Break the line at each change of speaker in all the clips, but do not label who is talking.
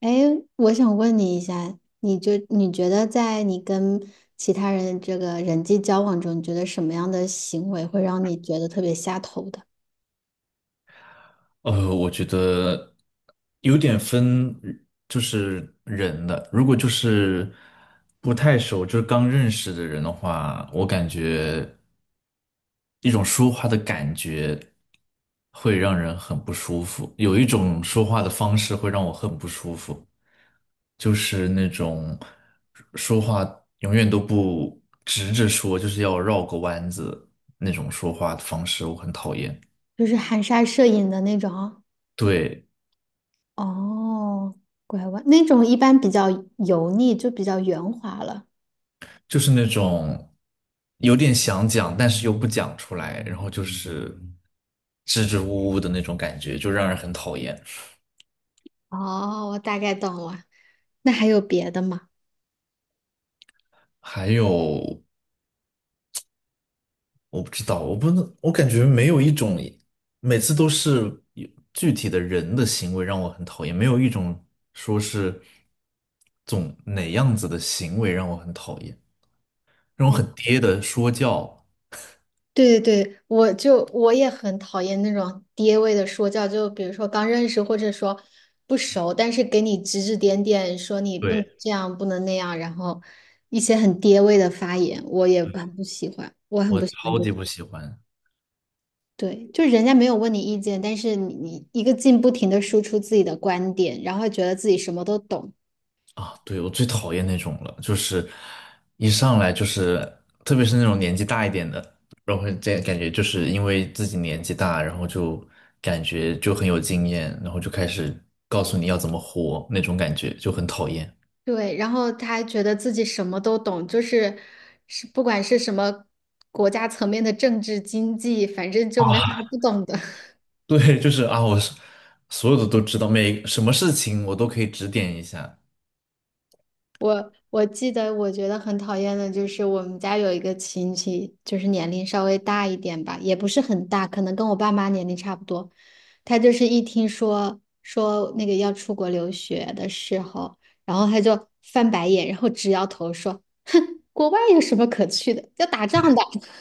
哎，我想问你一下，你觉得在你跟其他人这个人际交往中，你觉得什么样的行为会让你觉得特别下头的？
我觉得有点分，就是人的。如果就是不太熟，就是刚认识的人的话，我感觉一种说话的感觉会让人很不舒服，有一种说话的方式会让我很不舒服，就是那种说话永远都不直着说，就是要绕个弯子那种说话的方式，我很讨厌。
就是含沙射影的那种。
对，
哦，拐弯那种一般比较油腻，就比较圆滑了。
就是那种有点想讲，但是又不讲出来，然后就是支支吾吾的那种感觉，就让人很讨厌。
哦，我大概懂了。那还有别的吗？
还有，我不知道，我不能，我感觉没有一种，每次都是有具体的人的行为让我很讨厌，没有一种说是总哪样子的行为让我很讨厌，那种很爹的说教，
对对对，我也很讨厌那种爹味的说教，就比如说刚认识或者说不熟，但是给你指指点点，说你不能
对，
这样，不能那样，然后一些很爹味的发言，我也很不喜欢，我很
我
不喜欢
超
这
级
种。
不喜欢。
对，就是人家没有问你意见，但是你一个劲不停的输出自己的观点，然后觉得自己什么都懂。
啊，对，我最讨厌那种了，就是一上来就是，特别是那种年纪大一点的，然后这感觉就是因为自己年纪大，然后就感觉就很有经验，然后就开始告诉你要怎么活，那种感觉就很讨厌。
对，然后他还觉得自己什么都懂，就是不管是什么国家层面的政治经济，反正就
啊，
没有他 不懂的。
对，就是啊，我是所有的都知道，每什么事情我都可以指点一下。
我记得，我觉得很讨厌的就是我们家有一个亲戚，就是年龄稍微大一点吧，也不是很大，可能跟我爸妈年龄差不多。他就是一听说那个要出国留学的时候，然后他就翻白眼，然后直摇头说：“国外有什么可去的？要打仗的。”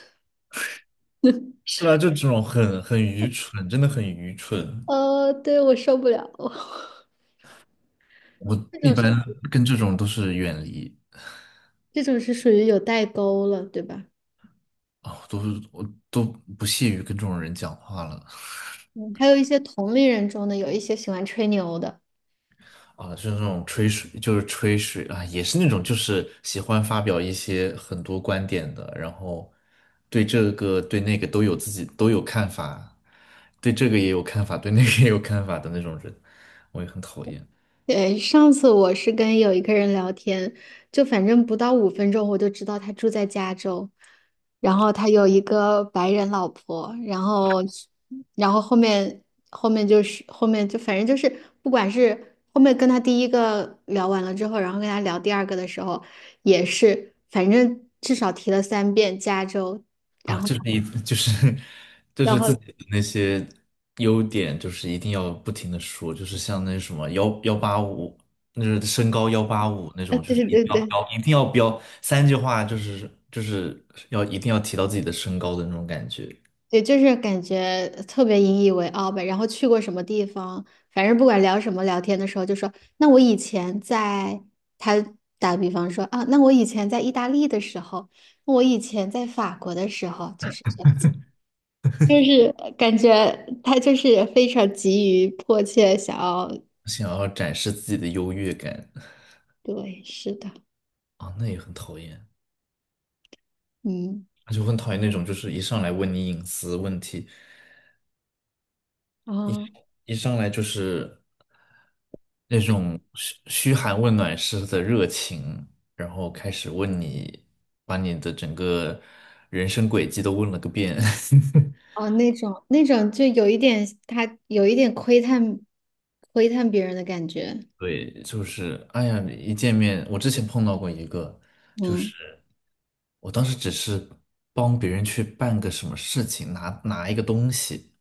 是啊，就这种很愚蠢，真的很愚蠢。
对，我受不了。
我
这
一
种是
般跟这种都是远离。
这种是属于有代沟了，对吧？
啊，我都不屑于跟这种人讲话了
嗯，还有一些同龄人中的有一些喜欢吹牛的。
啊，就是那种吹水，就是吹水啊，也是那种就是喜欢发表一些很多观点的，然后对这个对那个都有自己都有看法，对这个也有看法，对那个也有看法的那种人，我也很讨厌。
对，上次我是跟有一个人聊天，就反正不到5分钟，我就知道他住在加州，然后他有一个白人老婆。然后后面就是后面就反正就是不管是后面跟他第一个聊完了之后，然后跟他聊第二个的时候，也是反正至少提了3遍加州，
啊，
然后。
就是一 就是就
然
是自
后
己的那些优点，就是一定要不停的说，就是像那什么1185，那是身高幺八五那
啊，
种，就是
对
一定
对
要
对
标，一定要标3句话，就是要一定要提到自己的身高的那种感觉，
对，就是感觉特别引以为傲呗。然后去过什么地方，反正不管聊什么聊天的时候，就说那我以前在，他打个比方说啊，那我以前在意大利的时候，我以前在法国的时候，就是这样子，感觉他就是非常急于迫切想要，
想要展示自己的优越感
对，是的。
啊，那也很讨厌，
嗯，
就很讨厌那种就是一上来问你隐私问题，
啊
一上来就是。那种嘘嘘寒问暖式的热情，然后开始问你，把你的整个人生轨迹都问了个遍。
哦，那种就有一点他有一点窥探别人的感觉。
对，就是哎呀，一见面，我之前碰到过一个，就
嗯
是我当时只是帮别人去办个什么事情，拿一个东西。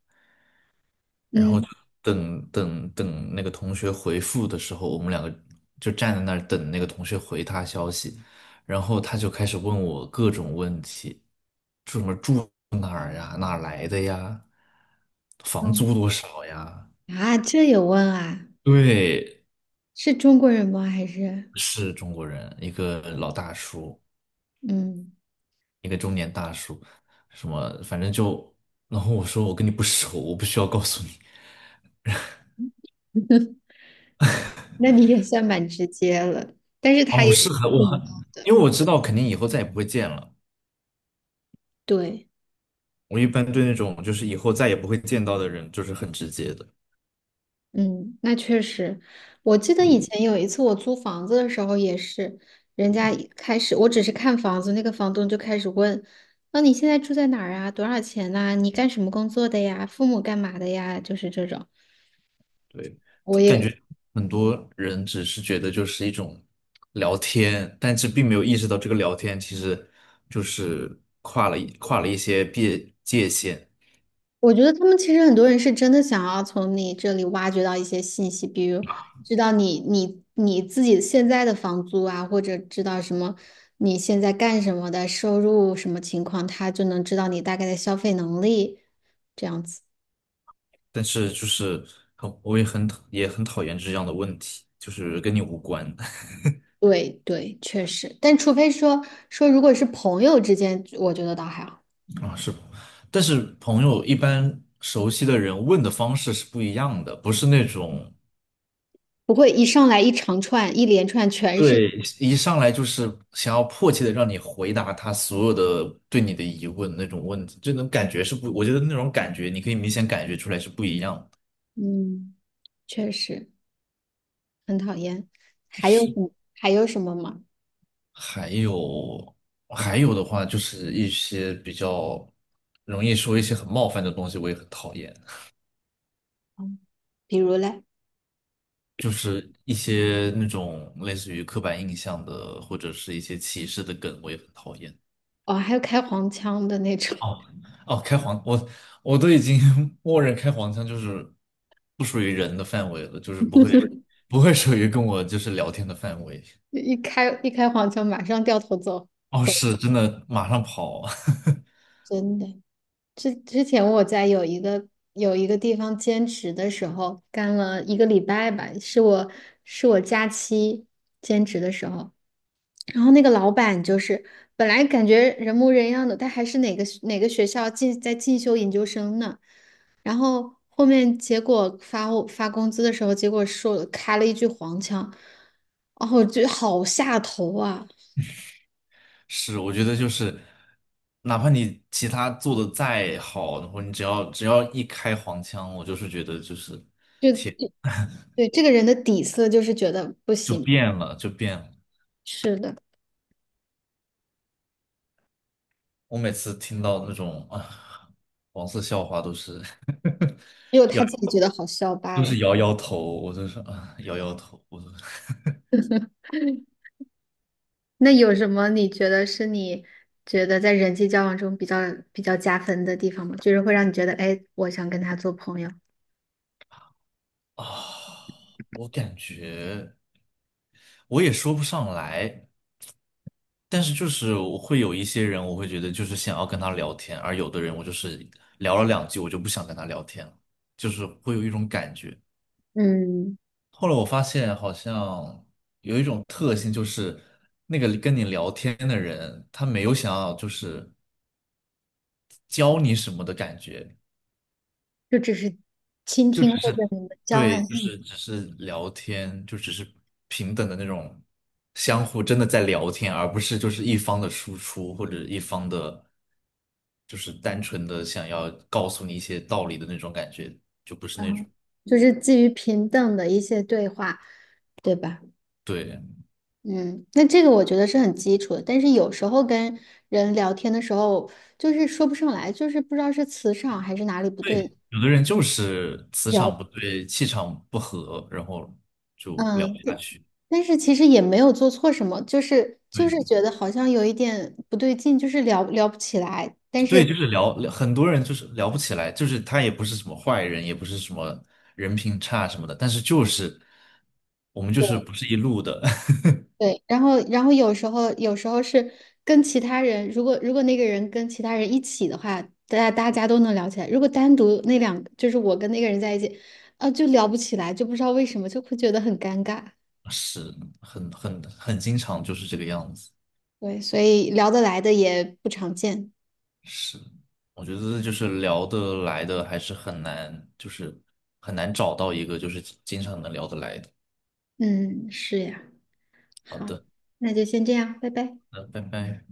然后
嗯。
就等那个同学回复的时候，我们2个就站在那儿等那个同学回他消息，然后他就开始问我各种问题，住什么住哪儿呀，哪儿来的呀，房
嗯
租多少呀？
啊，这有问啊？
对，
是中国人吗？还是
是中国人，一个老大叔，
嗯，
一个中年大叔，什么反正就，然后我说我跟你不熟，我不需要告诉你。
那你也算蛮直接了，但是他
哦，
也挺
是很
不礼
我，
貌的。
因为我知道肯定以后再也不会见了。
对，
我一般对那种就是以后再也不会见到的人，就是很直接的。
嗯，那确实，我记得以前有一次我租房子的时候也是，人家一开始我只是看房子，那个房东就开始问，那、你现在住在哪儿啊？多少钱呐、你干什么工作的呀？父母干嘛的呀？就是这种。
对，
我
感
也
觉很多人只是觉得就是一种聊天，但是并没有意识到这个聊天其实就是跨了一些界限。
我觉得他们其实很多人是真的想要从你这里挖掘到一些信息，比如知道你自己现在的房租啊，或者知道什么你现在干什么的收入什么情况，他就能知道你大概的消费能力，这样子。
但是就是很我也很讨厌这样的问题，就是跟你无关
对对，确实，但除非说如果是朋友之间，我觉得倒还好，
啊，是吧但是朋友一般熟悉的人问的方式是不一样的，不是那种。
不会一上来一长串一连串全是
对，一上来就是想要迫切的让你回答他所有的对你的疑问那种问题，这种感觉是不，我觉得那种感觉你可以明显感觉出来是不一样的。
嗯，确实很讨厌。还有什么吗？
还有还有的话，就是一些比较容易说一些很冒犯的东西，我也很讨厌，
嗯，比如嘞？
就是一些那种类似于刻板印象的或者是一些歧视的梗，我也很讨厌。
哦，还有开黄腔的那种。
哦哦，开黄，我我都已经 默认开黄腔就是不属于人的范围了，就是不会属于跟我就是聊天的范围。
一开黄腔马上掉头走
哦，
走，
是真的，马上跑。
真的。之前我在有一个地方兼职的时候，干了一个礼拜吧，是我假期兼职的时候，然后那个老板就是本来感觉人模人样的，他还是哪个学校在进修研究生呢。然后后面结果发我发工资的时候，结果说开了一句黄腔，哦，我觉得好下头啊！
是，我觉得就是，哪怕你其他做的再好，然后你只要一开黄腔，我就是觉得就是
就对这个人的底色就是觉得不
就
行，
变了，就变了。
是的，
我每次听到那种啊黄色笑话，都是
只有
摇
他自己觉得好笑罢
都
了。
是摇摇头，我就是啊摇摇头，我都
那有什么你觉得是你觉得在人际交往中比较加分的地方吗？就是会让你觉得，哎，我想跟他做朋友。
啊，我感觉我也说不上来，但是就是我会有一些人，我会觉得就是想要跟他聊天，而有的人我就是聊了2句，我就不想跟他聊天了，就是会有一种感觉。
嗯，
后来我发现好像有一种特性，就是那个跟你聊天的人，他没有想要就是教你什么的感觉，
就只是倾听或
是。
者你们交
对，
换
就
意见。
是只是聊天，就只是平等的那种相互真的在聊天，而不是就是一方的输出或者一方的，就是单纯的想要告诉你一些道理的那种感觉，就不是那种。
嗯，就是基于平等的一些对话，对吧？
对
嗯，那这个我觉得是很基础的，但是有时候跟人聊天的时候，就是说不上来，就是不知道是磁场还是哪里不对。
对，有的人就是磁
聊，
场不对，气场不合，然后就聊不
嗯，
下
但
去。
但是其实也没有做错什么，就是
对。
觉得好像有一点不对劲，就是聊不起来，但
对，就
是。
是聊，很多人就是聊不起来，就是他也不是什么坏人，也不是什么人品差什么的，但是就是我们就是不是一路的，
对，然后有时候是跟其他人，如果那个人跟其他人一起的话，大家都能聊起来。如果单独那两，就是我跟那个人在一起，啊，就聊不起来，就不知道为什么，就会觉得很尴尬。
是很经常就是这个样子。
对，所以聊得来的也不常见。
是，我觉得就是聊得来的还是很难，就是很难找到一个就是经常能聊得来的。
嗯，是呀。
好
好，
的，
那就先这样，拜拜。
那拜拜。